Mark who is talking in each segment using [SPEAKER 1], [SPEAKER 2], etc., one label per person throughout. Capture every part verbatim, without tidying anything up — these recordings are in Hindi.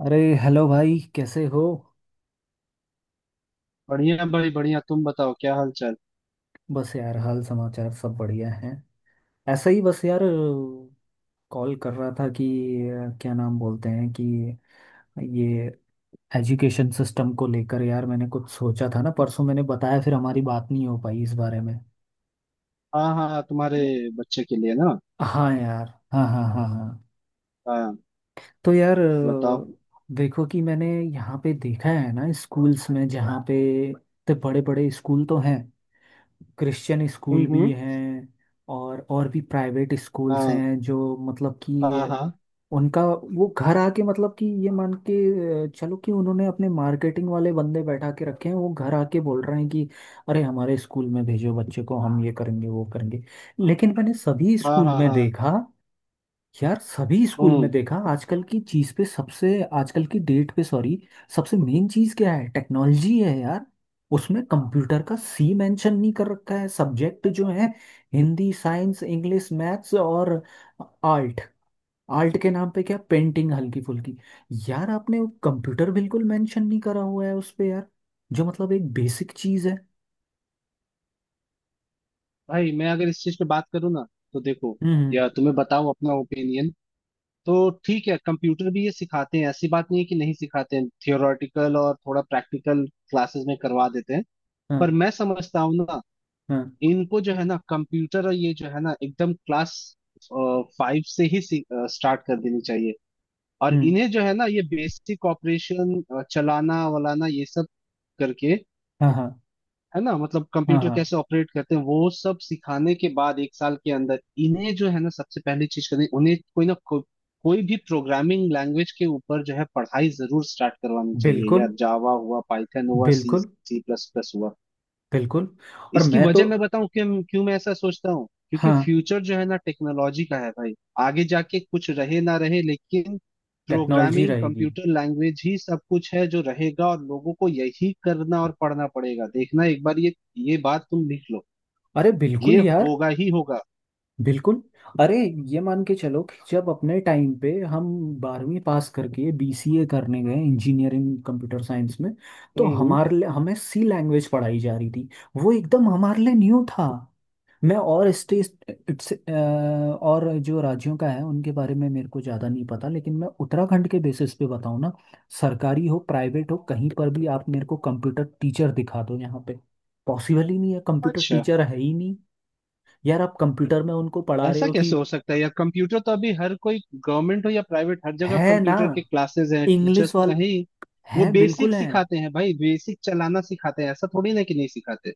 [SPEAKER 1] अरे हेलो भाई, कैसे हो।
[SPEAKER 2] बढ़िया भाई बढ़िया। तुम बताओ क्या हाल चाल।
[SPEAKER 1] बस यार, हाल समाचार सब बढ़िया है। ऐसा ही बस यार। कॉल कर रहा था कि अ, क्या नाम बोलते हैं कि ये एजुकेशन सिस्टम को लेकर यार मैंने कुछ सोचा था ना, परसों मैंने बताया, फिर हमारी बात नहीं हो पाई इस बारे में।
[SPEAKER 2] हाँ हाँ, तुम्हारे बच्चे के लिए ना।
[SPEAKER 1] हाँ यार। हाँ, हाँ, हाँ, हाँ।
[SPEAKER 2] हाँ,
[SPEAKER 1] तो यार,
[SPEAKER 2] बताओ।
[SPEAKER 1] अ, देखो कि मैंने यहाँ पे देखा है ना, स्कूल्स में, जहाँ पे इतने बड़े बड़े स्कूल तो हैं। क्रिश्चियन स्कूल
[SPEAKER 2] हम्म हम्म।
[SPEAKER 1] भी हैं। और और भी प्राइवेट स्कूल्स
[SPEAKER 2] हाँ
[SPEAKER 1] हैं जो मतलब
[SPEAKER 2] हाँ
[SPEAKER 1] कि
[SPEAKER 2] हाँ
[SPEAKER 1] उनका वो घर आके, मतलब कि ये मान के, अ, चलो, कि उन्होंने अपने मार्केटिंग वाले बंदे बैठा के रखे हैं, वो घर आके बोल रहे हैं कि अरे हमारे स्कूल में भेजो बच्चे को, हम ये करेंगे वो करेंगे। लेकिन मैंने सभी
[SPEAKER 2] हाँ
[SPEAKER 1] स्कूल
[SPEAKER 2] हाँ।
[SPEAKER 1] में
[SPEAKER 2] हाँ।
[SPEAKER 1] देखा, यार सभी स्कूल में
[SPEAKER 2] हम्म।
[SPEAKER 1] देखा आजकल की चीज पे सबसे, आजकल की डेट पे सॉरी, सबसे मेन चीज क्या है? टेक्नोलॉजी है यार। उसमें कंप्यूटर का सी मेंशन नहीं कर रखा है, सब्जेक्ट जो है हिंदी, साइंस, इंग्लिश, मैथ्स और आर्ट। आर्ट के नाम पे क्या? पेंटिंग हल्की फुल्की। यार आपने कंप्यूटर बिल्कुल मेंशन नहीं करा हुआ है उस पे यार, जो मतलब एक बेसिक चीज है।
[SPEAKER 2] भाई मैं अगर इस चीज पे बात करूँ ना, तो देखो,
[SPEAKER 1] हम्म,
[SPEAKER 2] या तुम्हें बताओ अपना ओपिनियन। तो ठीक है, कंप्यूटर भी ये सिखाते हैं, ऐसी बात नहीं है कि नहीं सिखाते हैं। थियोरेटिकल और थोड़ा प्रैक्टिकल क्लासेस में करवा देते हैं। पर
[SPEAKER 1] हम्म।
[SPEAKER 2] मैं समझता हूँ ना,
[SPEAKER 1] हाँ, हाँ।
[SPEAKER 2] इनको जो है ना कंप्यूटर, और ये जो है ना, एकदम क्लास फाइव से ही स्टार्ट कर देनी चाहिए। और
[SPEAKER 1] हम्म।
[SPEAKER 2] इन्हें जो है ना ये बेसिक ऑपरेशन चलाना वलाना ये सब करके,
[SPEAKER 1] हाँ, हाँ,
[SPEAKER 2] है ना, मतलब
[SPEAKER 1] हाँ, हाँ,
[SPEAKER 2] कंप्यूटर
[SPEAKER 1] हाँ।
[SPEAKER 2] कैसे ऑपरेट करते हैं वो सब सिखाने के बाद एक साल के अंदर इन्हें जो है ना सबसे पहली चीज करनी, उन्हें कोई ना को, कोई भी प्रोग्रामिंग लैंग्वेज के ऊपर जो है पढ़ाई जरूर स्टार्ट करवानी चाहिए
[SPEAKER 1] बिल्कुल,
[SPEAKER 2] यार। जावा हुआ, पाइथन हुआ, सी
[SPEAKER 1] बिल्कुल,
[SPEAKER 2] सी प्लस प्लस हुआ।
[SPEAKER 1] बिल्कुल। और
[SPEAKER 2] इसकी
[SPEAKER 1] मैं तो।
[SPEAKER 2] वजह मैं बताऊं क्यों, क्यों मैं ऐसा सोचता हूँ, क्योंकि
[SPEAKER 1] हाँ।
[SPEAKER 2] फ्यूचर जो है ना टेक्नोलॉजी का है भाई। आगे जाके कुछ रहे ना रहे, लेकिन
[SPEAKER 1] टेक्नोलॉजी
[SPEAKER 2] प्रोग्रामिंग
[SPEAKER 1] रहेगी।
[SPEAKER 2] कंप्यूटर लैंग्वेज ही सब कुछ है जो रहेगा, और लोगों को यही करना और पढ़ना पड़ेगा। देखना एक बार, ये ये बात तुम लिख लो।
[SPEAKER 1] अरे बिल्कुल
[SPEAKER 2] ये
[SPEAKER 1] यार।
[SPEAKER 2] होगा ही होगा।
[SPEAKER 1] बिल्कुल। अरे, ये मान के चलो कि जब अपने टाइम पे हम बारहवीं पास करके बीसीए करने गए, इंजीनियरिंग कंप्यूटर साइंस में। तो
[SPEAKER 2] हम्म।
[SPEAKER 1] हमारे लिए हमें सी लैंग्वेज पढ़ाई जा रही थी। वो एकदम हमारे लिए न्यू था। मैं, और स्टेट इट्स- अ, और जो राज्यों का है उनके बारे में मेरे को ज़्यादा नहीं पता, लेकिन मैं उत्तराखंड के बेसिस पे बताऊँ ना। सरकारी हो, प्राइवेट हो, कहीं पर भी आप मेरे को कंप्यूटर टीचर दिखा दो यहाँ पे। पॉसिबल ही नहीं है, कंप्यूटर
[SPEAKER 2] अच्छा,
[SPEAKER 1] टीचर है ही नहीं। यार, आप कंप्यूटर में उनको पढ़ा रहे
[SPEAKER 2] ऐसा
[SPEAKER 1] हो कि
[SPEAKER 2] कैसे हो सकता है यार। कंप्यूटर तो अभी हर कोई, गवर्नमेंट हो या प्राइवेट, हर जगह
[SPEAKER 1] है ना?
[SPEAKER 2] कंप्यूटर के क्लासेस हैं,
[SPEAKER 1] इंग्लिश
[SPEAKER 2] टीचर्स तो
[SPEAKER 1] वाल,
[SPEAKER 2] हैं ही। वो
[SPEAKER 1] है,
[SPEAKER 2] बेसिक
[SPEAKER 1] बिल्कुल है।
[SPEAKER 2] सिखाते हैं भाई, बेसिक चलाना सिखाते हैं, ऐसा थोड़ी ना कि नहीं सिखाते।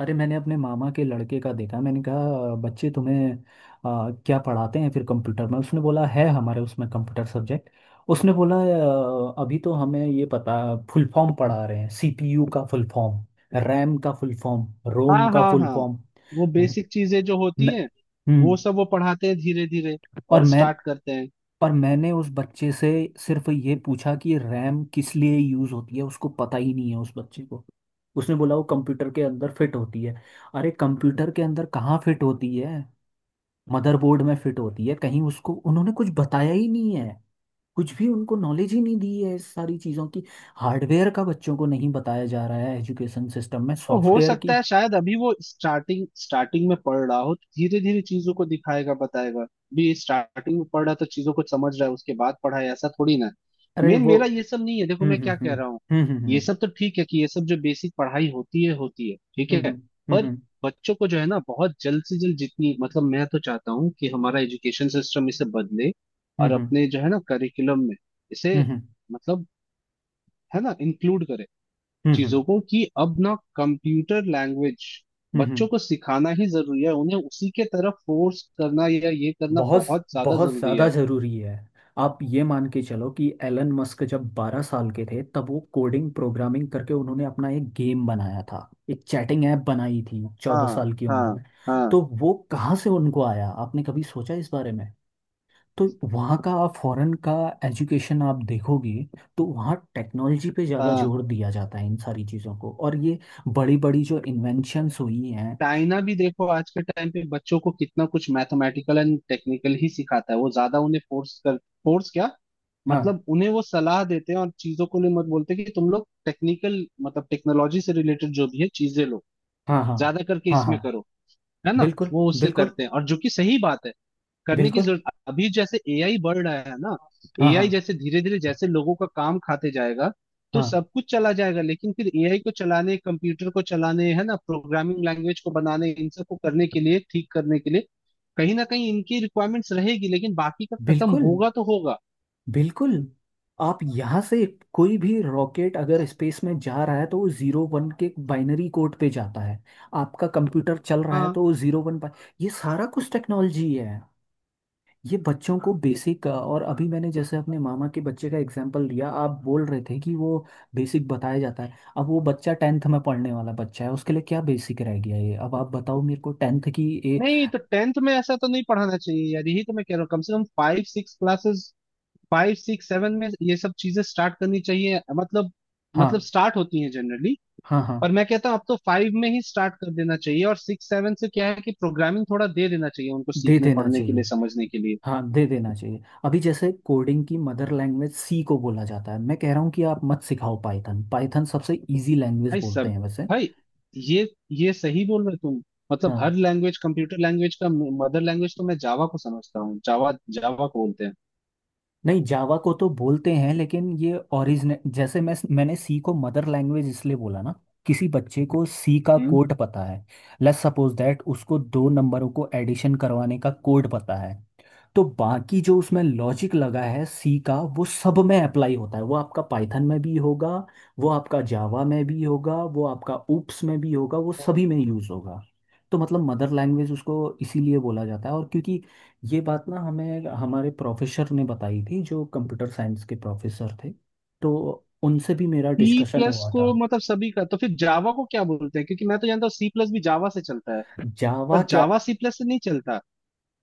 [SPEAKER 1] अरे मैंने अपने मामा के लड़के का देखा, मैंने कहा बच्चे तुम्हें आ, क्या पढ़ाते हैं फिर कंप्यूटर में? उसने बोला है हमारे उसमें कंप्यूटर सब्जेक्ट। उसने बोला, "आ, अभी तो हमें ये पता, फुल फॉर्म पढ़ा रहे हैं, सीपीयू का फुल फॉर्म, रैम का फुल फॉर्म, रोम
[SPEAKER 2] हाँ
[SPEAKER 1] का
[SPEAKER 2] हाँ
[SPEAKER 1] फुल
[SPEAKER 2] हाँ।
[SPEAKER 1] फॉर्म।
[SPEAKER 2] वो बेसिक चीजें जो होती हैं, वो
[SPEAKER 1] हम्म।
[SPEAKER 2] सब वो पढ़ाते हैं धीरे धीरे,
[SPEAKER 1] और
[SPEAKER 2] और
[SPEAKER 1] मैं।
[SPEAKER 2] स्टार्ट करते हैं।
[SPEAKER 1] पर मैंने उस बच्चे से सिर्फ ये पूछा कि रैम किस लिए यूज होती है, उसको पता ही नहीं है उस बच्चे को। उसने बोला वो कंप्यूटर के अंदर फिट होती है। अरे कंप्यूटर के अंदर कहाँ फिट होती है? मदरबोर्ड में फिट होती है कहीं, उसको उन्होंने कुछ बताया ही नहीं है। कुछ भी उनको नॉलेज ही नहीं दी है इस सारी चीज़ों की। हार्डवेयर का बच्चों को नहीं बताया जा रहा है एजुकेशन सिस्टम में,
[SPEAKER 2] तो हो
[SPEAKER 1] सॉफ्टवेयर की।
[SPEAKER 2] सकता है शायद अभी वो स्टार्टिंग स्टार्टिंग में पढ़ रहा हो, धीरे धीरे चीजों को दिखाएगा बताएगा। भी स्टार्टिंग में पढ़ रहा तो चीजों को समझ रहा है, उसके बाद पढ़ा है, ऐसा थोड़ी ना।
[SPEAKER 1] अरे
[SPEAKER 2] मेन
[SPEAKER 1] वो।
[SPEAKER 2] मेरा ये सब नहीं है, देखो
[SPEAKER 1] हम्म,
[SPEAKER 2] मैं
[SPEAKER 1] हम्म,
[SPEAKER 2] क्या कह रहा हूँ।
[SPEAKER 1] हम्म,
[SPEAKER 2] ये
[SPEAKER 1] हम्म,
[SPEAKER 2] सब तो ठीक है कि ये सब जो बेसिक पढ़ाई होती है होती है, ठीक है।
[SPEAKER 1] हम्म,
[SPEAKER 2] पर
[SPEAKER 1] हम्म,
[SPEAKER 2] बच्चों को जो है ना बहुत जल्द से जल्द जितनी, मतलब मैं तो चाहता हूँ कि हमारा एजुकेशन सिस्टम इसे बदले,
[SPEAKER 1] हम्म,
[SPEAKER 2] और
[SPEAKER 1] हम्म,
[SPEAKER 2] अपने जो है ना करिकुलम में इसे,
[SPEAKER 1] हम्म, हम्म, हम्म,
[SPEAKER 2] मतलब, है ना, इंक्लूड करे
[SPEAKER 1] हम्म, हम्म,
[SPEAKER 2] चीजों को कि अब ना कंप्यूटर लैंग्वेज
[SPEAKER 1] हम्म, हम्म।
[SPEAKER 2] बच्चों को सिखाना ही जरूरी है, उन्हें उसी के तरफ फोर्स करना या ये करना
[SPEAKER 1] बहुत,
[SPEAKER 2] बहुत ज्यादा
[SPEAKER 1] बहुत
[SPEAKER 2] जरूरी
[SPEAKER 1] ज़्यादा
[SPEAKER 2] है।
[SPEAKER 1] ज़रूरी है। आप ये मान के चलो कि एलन मस्क जब बारह साल के थे, तब वो कोडिंग प्रोग्रामिंग करके उन्होंने अपना एक गेम बनाया था, एक चैटिंग ऐप बनाई थी चौदह
[SPEAKER 2] हाँ
[SPEAKER 1] साल की उम्र
[SPEAKER 2] हाँ
[SPEAKER 1] में।
[SPEAKER 2] हाँ
[SPEAKER 1] तो वो कहाँ से उनको आया? आपने कभी सोचा इस बारे में? तो वहाँ का, आप फॉरेन का एजुकेशन आप देखोगे, तो वहाँ टेक्नोलॉजी पे ज़्यादा
[SPEAKER 2] हाँ।
[SPEAKER 1] जोर दिया जाता है इन सारी चीज़ों को, और ये बड़ी बड़ी जो इन्वेंशंस हुई हैं।
[SPEAKER 2] चाइना भी देखो, आज के टाइम पे बच्चों को कितना कुछ मैथमेटिकल एंड टेक्निकल ही सिखाता है, वो ज्यादा उन्हें फोर्स कर, फोर्स क्या,
[SPEAKER 1] हाँ,
[SPEAKER 2] मतलब उन्हें वो सलाह देते हैं और चीजों को लिए मत बोलते कि तुम लोग टेक्निकल, मतलब टेक्नोलॉजी से रिलेटेड जो भी है चीजें लो,
[SPEAKER 1] हाँ, हाँ,
[SPEAKER 2] ज्यादा करके
[SPEAKER 1] हाँ,
[SPEAKER 2] इसमें
[SPEAKER 1] हाँ,
[SPEAKER 2] करो, है ना।
[SPEAKER 1] बिल्कुल,
[SPEAKER 2] वो उससे
[SPEAKER 1] बिल्कुल,
[SPEAKER 2] करते हैं, और जो कि सही बात है, करने की
[SPEAKER 1] बिल्कुल,
[SPEAKER 2] जरूरत। अभी जैसे ए आई बढ़ रहा है ना।
[SPEAKER 1] हाँ, हाँ,
[SPEAKER 2] ए आई जैसे धीरे धीरे जैसे लोगों का काम खाते जाएगा तो
[SPEAKER 1] हाँ,
[SPEAKER 2] सब कुछ चला जाएगा, लेकिन फिर ए आई को चलाने, कंप्यूटर को चलाने, है ना, प्रोग्रामिंग लैंग्वेज को बनाने, इन सब को करने के लिए, ठीक करने के लिए कहीं ना कहीं इनकी रिक्वायरमेंट्स रहेगी, लेकिन बाकी का खत्म
[SPEAKER 1] बिल्कुल,
[SPEAKER 2] होगा तो होगा।
[SPEAKER 1] बिल्कुल। आप यहाँ से। कोई भी रॉकेट अगर स्पेस में जा रहा है, तो वो जीरो वन के बाइनरी कोड पे जाता है। आपका कंप्यूटर चल रहा है
[SPEAKER 2] हाँ।
[SPEAKER 1] तो वो जीरो वन पर। ये सारा कुछ टेक्नोलॉजी है। ये बच्चों को बेसिक, और अभी मैंने जैसे अपने मामा के बच्चे का एग्जांपल लिया, आप बोल रहे थे कि वो बेसिक बताया जाता है, अब वो बच्चा टेंथ में पढ़ने वाला बच्चा है, उसके लिए क्या बेसिक रह गया? ये अब आप बताओ मेरे को टेंथ की। ए।
[SPEAKER 2] नहीं, तो टेंथ में ऐसा तो नहीं पढ़ाना चाहिए यार, यही तो मैं कह रहा हूँ। कम से कम five six classes, five six seven में ये सब चीजें स्टार्ट करनी चाहिए, मतलब मतलब
[SPEAKER 1] हाँ,
[SPEAKER 2] स्टार्ट होती हैं जनरली।
[SPEAKER 1] हाँ, हाँ,
[SPEAKER 2] पर मैं कहता हूँ अब तो फाइव में ही स्टार्ट कर देना चाहिए, और सिक्स सेवन से क्या है कि प्रोग्रामिंग थोड़ा दे देना चाहिए उनको
[SPEAKER 1] दे
[SPEAKER 2] सीखने
[SPEAKER 1] देना
[SPEAKER 2] पढ़ने के
[SPEAKER 1] चाहिए।
[SPEAKER 2] लिए, समझने के लिए।
[SPEAKER 1] हाँ दे देना चाहिए। अभी जैसे कोडिंग की मदर लैंग्वेज सी को बोला जाता है, मैं कह रहा हूँ कि आप मत सिखाओ, पाइथन, पाइथन सबसे इजी लैंग्वेज
[SPEAKER 2] भाई
[SPEAKER 1] बोलते
[SPEAKER 2] सब
[SPEAKER 1] हैं वैसे।
[SPEAKER 2] भाई ये ये सही बोल रहे हो तुम। मतलब
[SPEAKER 1] हाँ।
[SPEAKER 2] हर लैंग्वेज, कंप्यूटर लैंग्वेज का मदर लैंग्वेज तो मैं जावा को समझता हूँ। जावा, जावा को बोलते हैं।
[SPEAKER 1] नहीं, जावा को तो बोलते हैं, लेकिन ये ओरिजिन जैसे, मैं मैंने सी को मदर लैंग्वेज इसलिए बोला ना। किसी बच्चे को सी का
[SPEAKER 2] हम्म।
[SPEAKER 1] कोड पता है। लेट्स सपोज दैट उसको दो नंबरों को एडिशन करवाने का कोड पता है। तो बाकी जो उसमें लॉजिक लगा है सी का, वो सब में अप्लाई होता है, वो आपका पाइथन में भी होगा, वो आपका जावा में भी होगा, वो आपका ऊप्स में भी होगा, वो सभी में यूज़ होगा। तो मतलब मदर लैंग्वेज उसको इसीलिए बोला जाता है, और क्योंकि ये बात ना हमें हमारे प्रोफेसर ने बताई थी जो कंप्यूटर साइंस के प्रोफेसर थे। तो उनसे भी मेरा
[SPEAKER 2] सी
[SPEAKER 1] डिस्कशन
[SPEAKER 2] प्लस
[SPEAKER 1] हुआ
[SPEAKER 2] को,
[SPEAKER 1] था।
[SPEAKER 2] मतलब सभी का तो फिर जावा को क्या बोलते हैं, क्योंकि मैं तो जानता हूँ सी प्लस भी जावा से चलता है,
[SPEAKER 1] जावा
[SPEAKER 2] पर
[SPEAKER 1] क्या?
[SPEAKER 2] जावा सी प्लस से नहीं चलता।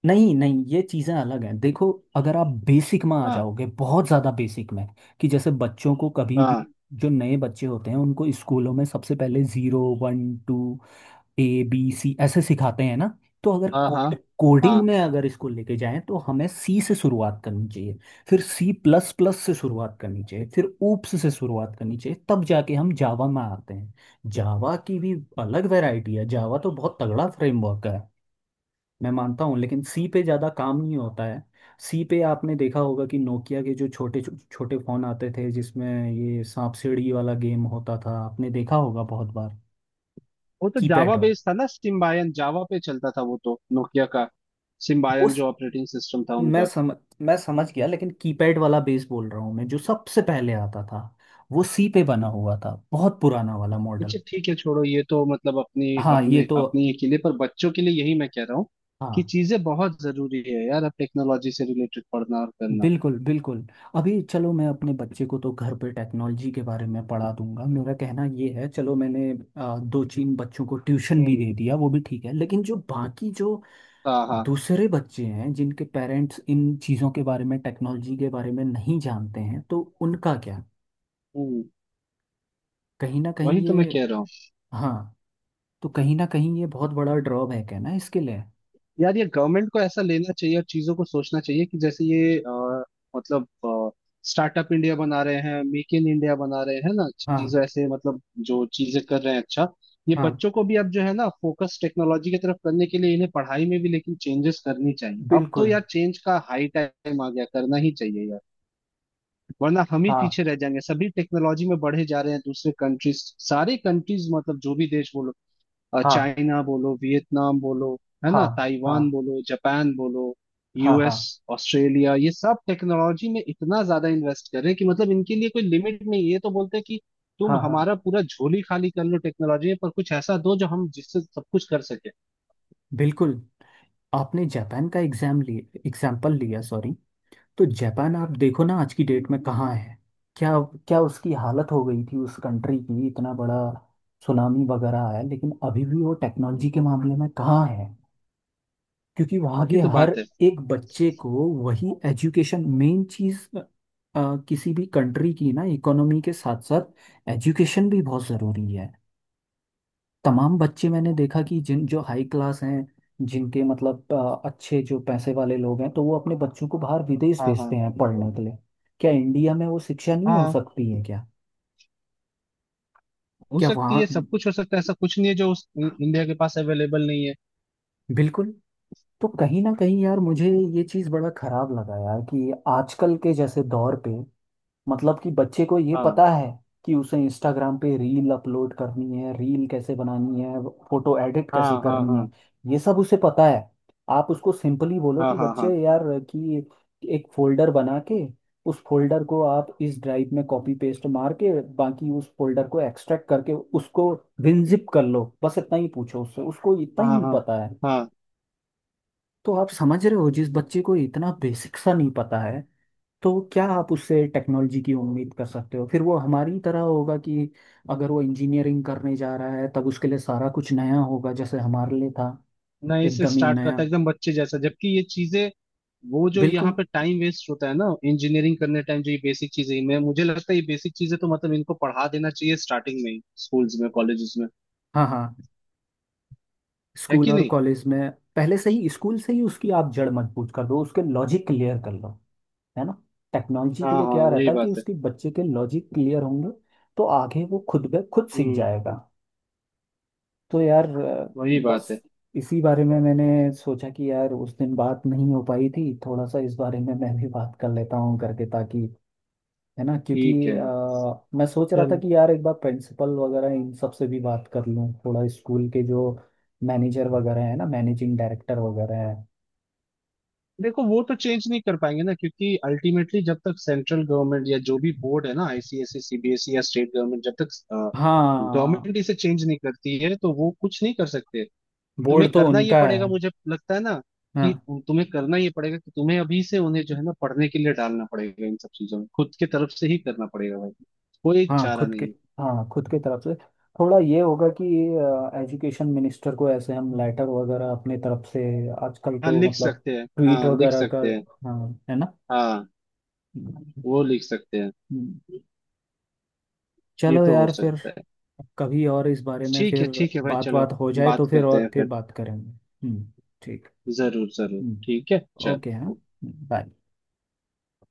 [SPEAKER 1] नहीं, नहीं, ये चीज़ें अलग हैं देखो। अगर आप बेसिक में आ
[SPEAKER 2] हाँ
[SPEAKER 1] जाओगे, बहुत ज़्यादा बेसिक में, कि जैसे बच्चों को कभी भी,
[SPEAKER 2] हाँ
[SPEAKER 1] जो नए बच्चे होते हैं, उनको स्कूलों में सबसे पहले zero, one, two, A, B, C ऐसे सिखाते हैं ना। तो अगर
[SPEAKER 2] हाँ हाँ।
[SPEAKER 1] कोड कोडिंग
[SPEAKER 2] हाँ।
[SPEAKER 1] में अगर इसको लेके जाएं तो हमें सी से शुरुआत करनी चाहिए। फिर सी प्लस प्लस से शुरुआत करनी चाहिए, फिर ऊप्स से शुरुआत करनी चाहिए, तब जाके हम जावा में आते हैं। जावा की भी अलग वैरायटी है, जावा तो बहुत तगड़ा फ्रेमवर्क है। मैं मानता हूँ, लेकिन सी पे ज़्यादा काम नहीं होता है। सी पे आपने देखा होगा कि नोकिया के जो छोटे छो- छोटे फ़ोन आते थे, जिसमें ये सांप सीढ़ी वाला गेम होता था, आपने देखा होगा बहुत बार।
[SPEAKER 2] वो तो
[SPEAKER 1] कीपैड
[SPEAKER 2] जावा
[SPEAKER 1] वाला।
[SPEAKER 2] बेस्ड था ना, सिम्बायन, जावा पे चलता था वो तो, नोकिया का,
[SPEAKER 1] वो
[SPEAKER 2] सिम्बायन
[SPEAKER 1] स-
[SPEAKER 2] जो ऑपरेटिंग सिस्टम था
[SPEAKER 1] मैं
[SPEAKER 2] उनका।
[SPEAKER 1] समझ मैं समझ गया, लेकिन कीपैड वाला बेस बोल रहा हूँ मैं, जो सबसे पहले आता था। वो सी पे बना हुआ था, बहुत पुराना वाला
[SPEAKER 2] अच्छा
[SPEAKER 1] मॉडल।
[SPEAKER 2] ठीक है छोड़ो ये तो, मतलब अपनी
[SPEAKER 1] हाँ ये
[SPEAKER 2] अपने
[SPEAKER 1] तो।
[SPEAKER 2] अपनी ये के लिए, पर बच्चों के लिए यही मैं कह रहा हूँ कि
[SPEAKER 1] हाँ,
[SPEAKER 2] चीजें बहुत जरूरी है यार, अब टेक्नोलॉजी से रिलेटेड पढ़ना और करना।
[SPEAKER 1] बिल्कुल बिल्कुल। अभी चलो, मैं अपने बच्चे को तो घर पे टेक्नोलॉजी के बारे में पढ़ा दूंगा, मेरा कहना ये है, चलो मैंने आ, दो तीन बच्चों को ट्यूशन भी
[SPEAKER 2] हम्म।
[SPEAKER 1] दे दिया, वो भी ठीक है, लेकिन जो बाकी, जो
[SPEAKER 2] हाँ हाँ।
[SPEAKER 1] दूसरे बच्चे हैं जिनके पेरेंट्स इन चीज़ों के बारे में, टेक्नोलॉजी के बारे में नहीं जानते हैं, तो उनका क्या?
[SPEAKER 2] हम्म।
[SPEAKER 1] कहीं ना
[SPEAKER 2] वही
[SPEAKER 1] कहीं
[SPEAKER 2] तो मैं
[SPEAKER 1] ये।
[SPEAKER 2] कह रहा हूँ।
[SPEAKER 1] हाँ। तो कहीं ना कहीं ये बहुत बड़ा ड्रॉबैक है ना इसके लिए।
[SPEAKER 2] यार ये गवर्नमेंट को ऐसा लेना चाहिए, और चीजों को सोचना चाहिए कि जैसे ये अ, मतलब स्टार्टअप इंडिया बना रहे हैं, मेक इन इंडिया बना रहे हैं ना,
[SPEAKER 1] हाँ,
[SPEAKER 2] चीजें ऐसे, मतलब जो चीजें कर रहे हैं, अच्छा, ये
[SPEAKER 1] हाँ,
[SPEAKER 2] बच्चों को भी अब जो है ना फोकस टेक्नोलॉजी की तरफ करने के लिए इन्हें पढ़ाई में भी लेकिन चेंजेस करनी चाहिए। अब तो
[SPEAKER 1] बिल्कुल,
[SPEAKER 2] यार चेंज का हाई टाइम आ गया, करना ही चाहिए यार। वरना हम ही
[SPEAKER 1] हाँ,
[SPEAKER 2] पीछे रह जाएंगे, सभी टेक्नोलॉजी में बढ़े जा रहे हैं दूसरे कंट्रीज, सारे कंट्रीज, मतलब जो भी देश बोलो, अ,
[SPEAKER 1] हाँ,
[SPEAKER 2] चाइना बोलो, वियतनाम बोलो, है
[SPEAKER 1] हाँ,
[SPEAKER 2] ना,
[SPEAKER 1] हाँ,
[SPEAKER 2] ताइवान बोलो, जापान बोलो,
[SPEAKER 1] हाँ, हाँ,
[SPEAKER 2] यू एस, ऑस्ट्रेलिया, ये सब टेक्नोलॉजी में इतना ज्यादा इन्वेस्ट कर रहे हैं कि मतलब इनके लिए कोई लिमिट नहीं है, ये तो बोलते हैं कि तुम
[SPEAKER 1] हाँ, हाँ,
[SPEAKER 2] हमारा पूरा झोली खाली कर लो टेक्नोलॉजी में, पर कुछ ऐसा दो जो हम जिससे सब कुछ कर सके।
[SPEAKER 1] बिल्कुल। आपने जापान का एग्जाम लिए, एग्जाम्पल लिया सॉरी। तो जापान आप देखो ना, आज की डेट में कहाँ है? क्या? क्या उसकी हालत हो गई थी उस कंट्री की, इतना बड़ा सुनामी वगैरह आया, लेकिन अभी भी वो टेक्नोलॉजी के मामले में कहाँ है। क्योंकि वहाँ
[SPEAKER 2] वही
[SPEAKER 1] के
[SPEAKER 2] तो
[SPEAKER 1] हर
[SPEAKER 2] बात है।
[SPEAKER 1] एक बच्चे को, वही एजुकेशन मेन चीज़। किसी भी कंट्री की ना, इकोनॉमी के साथ साथ एजुकेशन भी बहुत ज़रूरी है। तमाम बच्चे मैंने देखा कि जिन जो हाई क्लास हैं, जिनके मतलब अ, अच्छे जो पैसे वाले लोग हैं, तो वो अपने बच्चों को बाहर विदेश
[SPEAKER 2] हाँ।
[SPEAKER 1] भेजते
[SPEAKER 2] हाँ
[SPEAKER 1] हैं पढ़ने के लिए। क्या इंडिया में वो शिक्षा नहीं हो
[SPEAKER 2] हाँ।
[SPEAKER 1] सकती है क्या?
[SPEAKER 2] हो
[SPEAKER 1] क्या
[SPEAKER 2] सकती है,
[SPEAKER 1] वहाँ।
[SPEAKER 2] सब कुछ हो सकता है, ऐसा कुछ नहीं है जो उस इंडिया के पास अवेलेबल नहीं है।
[SPEAKER 1] बिल्कुल। तो कहीं ना कहीं यार मुझे ये चीज़ बड़ा खराब लगा यार, कि आजकल के जैसे दौर पे, मतलब कि बच्चे को ये
[SPEAKER 2] हाँ
[SPEAKER 1] पता है, कि उसे इंस्टाग्राम पे रील अपलोड करनी है, रील कैसे बनानी है, फोटो एडिट कैसे
[SPEAKER 2] हाँ हाँ
[SPEAKER 1] करनी
[SPEAKER 2] हाँ
[SPEAKER 1] है, ये सब उसे पता है। आप उसको सिंपली बोलो
[SPEAKER 2] हाँ
[SPEAKER 1] कि
[SPEAKER 2] हाँ हाँ
[SPEAKER 1] बच्चे यार, कि एक फोल्डर बना के उस फोल्डर को आप इस ड्राइव में कॉपी पेस्ट मार के, बाकी उस फोल्डर को एक्सट्रैक्ट करके, उसको विनजिप कर लो, बस इतना ही पूछो उससे, उसको इतना
[SPEAKER 2] हाँ
[SPEAKER 1] ही
[SPEAKER 2] हाँ
[SPEAKER 1] पता है।
[SPEAKER 2] हाँ।
[SPEAKER 1] तो आप समझ रहे हो, जिस बच्चे को इतना बेसिक सा नहीं पता है, तो क्या आप उससे टेक्नोलॉजी की उम्मीद कर सकते हो? फिर वो हमारी तरह होगा कि अगर वो इंजीनियरिंग करने जा रहा है तब उसके लिए सारा कुछ नया होगा, जैसे हमारे लिए था।
[SPEAKER 2] नए से
[SPEAKER 1] एकदम ही
[SPEAKER 2] स्टार्ट
[SPEAKER 1] नया।
[SPEAKER 2] करता है एकदम बच्चे जैसा, जबकि ये चीजें, वो जो यहाँ
[SPEAKER 1] बिल्कुल।
[SPEAKER 2] पे टाइम वेस्ट होता है ना इंजीनियरिंग करने टाइम, जो ये बेसिक चीजें, मैं, मुझे लगता है ये बेसिक चीजें तो मतलब इनको पढ़ा देना चाहिए स्टार्टिंग में ही, स्कूल्स में, कॉलेजेस में,
[SPEAKER 1] हाँ, हाँ।
[SPEAKER 2] है
[SPEAKER 1] स्कूल
[SPEAKER 2] कि
[SPEAKER 1] और
[SPEAKER 2] नहीं।
[SPEAKER 1] कॉलेज में। पहले से ही, स्कूल से ही उसकी आप जड़ मजबूत कर दो, उसके लॉजिक क्लियर कर लो। है ना। टेक्नोलॉजी के
[SPEAKER 2] हाँ
[SPEAKER 1] लिए
[SPEAKER 2] हाँ,
[SPEAKER 1] क्या
[SPEAKER 2] वही
[SPEAKER 1] रहता है
[SPEAKER 2] बात
[SPEAKER 1] कि
[SPEAKER 2] है।
[SPEAKER 1] उसके बच्चे के लॉजिक क्लियर होंगे। तो आगे वो खुद ब खुद सीख
[SPEAKER 2] हम्म,
[SPEAKER 1] जाएगा। तो यार, अ,
[SPEAKER 2] वही
[SPEAKER 1] बस
[SPEAKER 2] बात है।
[SPEAKER 1] इसी बारे में मैंने सोचा कि यार उस दिन बात नहीं हो पाई थी, थोड़ा सा इस बारे में मैं भी बात कर लेता हूँ करके ताकि, है ना, क्योंकि
[SPEAKER 2] ठीक है,
[SPEAKER 1] अ, मैं सोच रहा था
[SPEAKER 2] चलो।
[SPEAKER 1] कि यार एक बार प्रिंसिपल वगैरह इन सब से भी बात कर लूँ थोड़ा, स्कूल के जो मैनेजर वगैरह, है ना, मैनेजिंग डायरेक्टर वगैरह है।
[SPEAKER 2] देखो वो तो चेंज नहीं कर पाएंगे ना, क्योंकि अल्टीमेटली जब तक सेंट्रल गवर्नमेंट या जो भी बोर्ड है ना, आई C S E, C B S E, या स्टेट गवर्नमेंट, जब तक गवर्नमेंट
[SPEAKER 1] हाँ।
[SPEAKER 2] इसे चेंज नहीं करती है तो वो कुछ नहीं कर सकते। तुम्हें
[SPEAKER 1] बोर्ड तो
[SPEAKER 2] करना ये
[SPEAKER 1] उनका
[SPEAKER 2] पड़ेगा,
[SPEAKER 1] है।
[SPEAKER 2] मुझे लगता है ना,
[SPEAKER 1] हाँ,
[SPEAKER 2] कि तुम्हें करना ये पड़ेगा कि तुम्हें अभी से उन्हें जो है ना पढ़ने के लिए डालना पड़ेगा इन सब चीजों में, खुद के तरफ से ही करना पड़ेगा भाई, कोई
[SPEAKER 1] हाँ
[SPEAKER 2] चारा
[SPEAKER 1] खुद के।
[SPEAKER 2] नहीं है।
[SPEAKER 1] हाँ खुद की तरफ से। थोड़ा ये होगा कि एजुकेशन मिनिस्टर को ऐसे हम लेटर वगैरह अपने तरफ से, आजकल
[SPEAKER 2] हाँ
[SPEAKER 1] तो
[SPEAKER 2] लिख
[SPEAKER 1] मतलब
[SPEAKER 2] सकते हैं,
[SPEAKER 1] ट्वीट
[SPEAKER 2] हाँ लिख
[SPEAKER 1] वगैरह कर,
[SPEAKER 2] सकते हैं।
[SPEAKER 1] हाँ है ना।
[SPEAKER 2] हाँ, वो लिख सकते हैं।
[SPEAKER 1] हम्म।
[SPEAKER 2] ये
[SPEAKER 1] चलो
[SPEAKER 2] तो हो
[SPEAKER 1] यार फिर,
[SPEAKER 2] सकता है।
[SPEAKER 1] कभी और इस बारे में
[SPEAKER 2] ठीक है
[SPEAKER 1] फिर
[SPEAKER 2] ठीक है भाई,
[SPEAKER 1] बात
[SPEAKER 2] चलो।
[SPEAKER 1] बात हो जाए
[SPEAKER 2] बात
[SPEAKER 1] तो फिर,
[SPEAKER 2] करते हैं
[SPEAKER 1] और फिर
[SPEAKER 2] फिर।
[SPEAKER 1] बात करेंगे, हम्म। ठीक।
[SPEAKER 2] जरूर जरूर,
[SPEAKER 1] हम्म।
[SPEAKER 2] ठीक है,
[SPEAKER 1] ओके, हाँ।
[SPEAKER 2] चल।
[SPEAKER 1] बाय।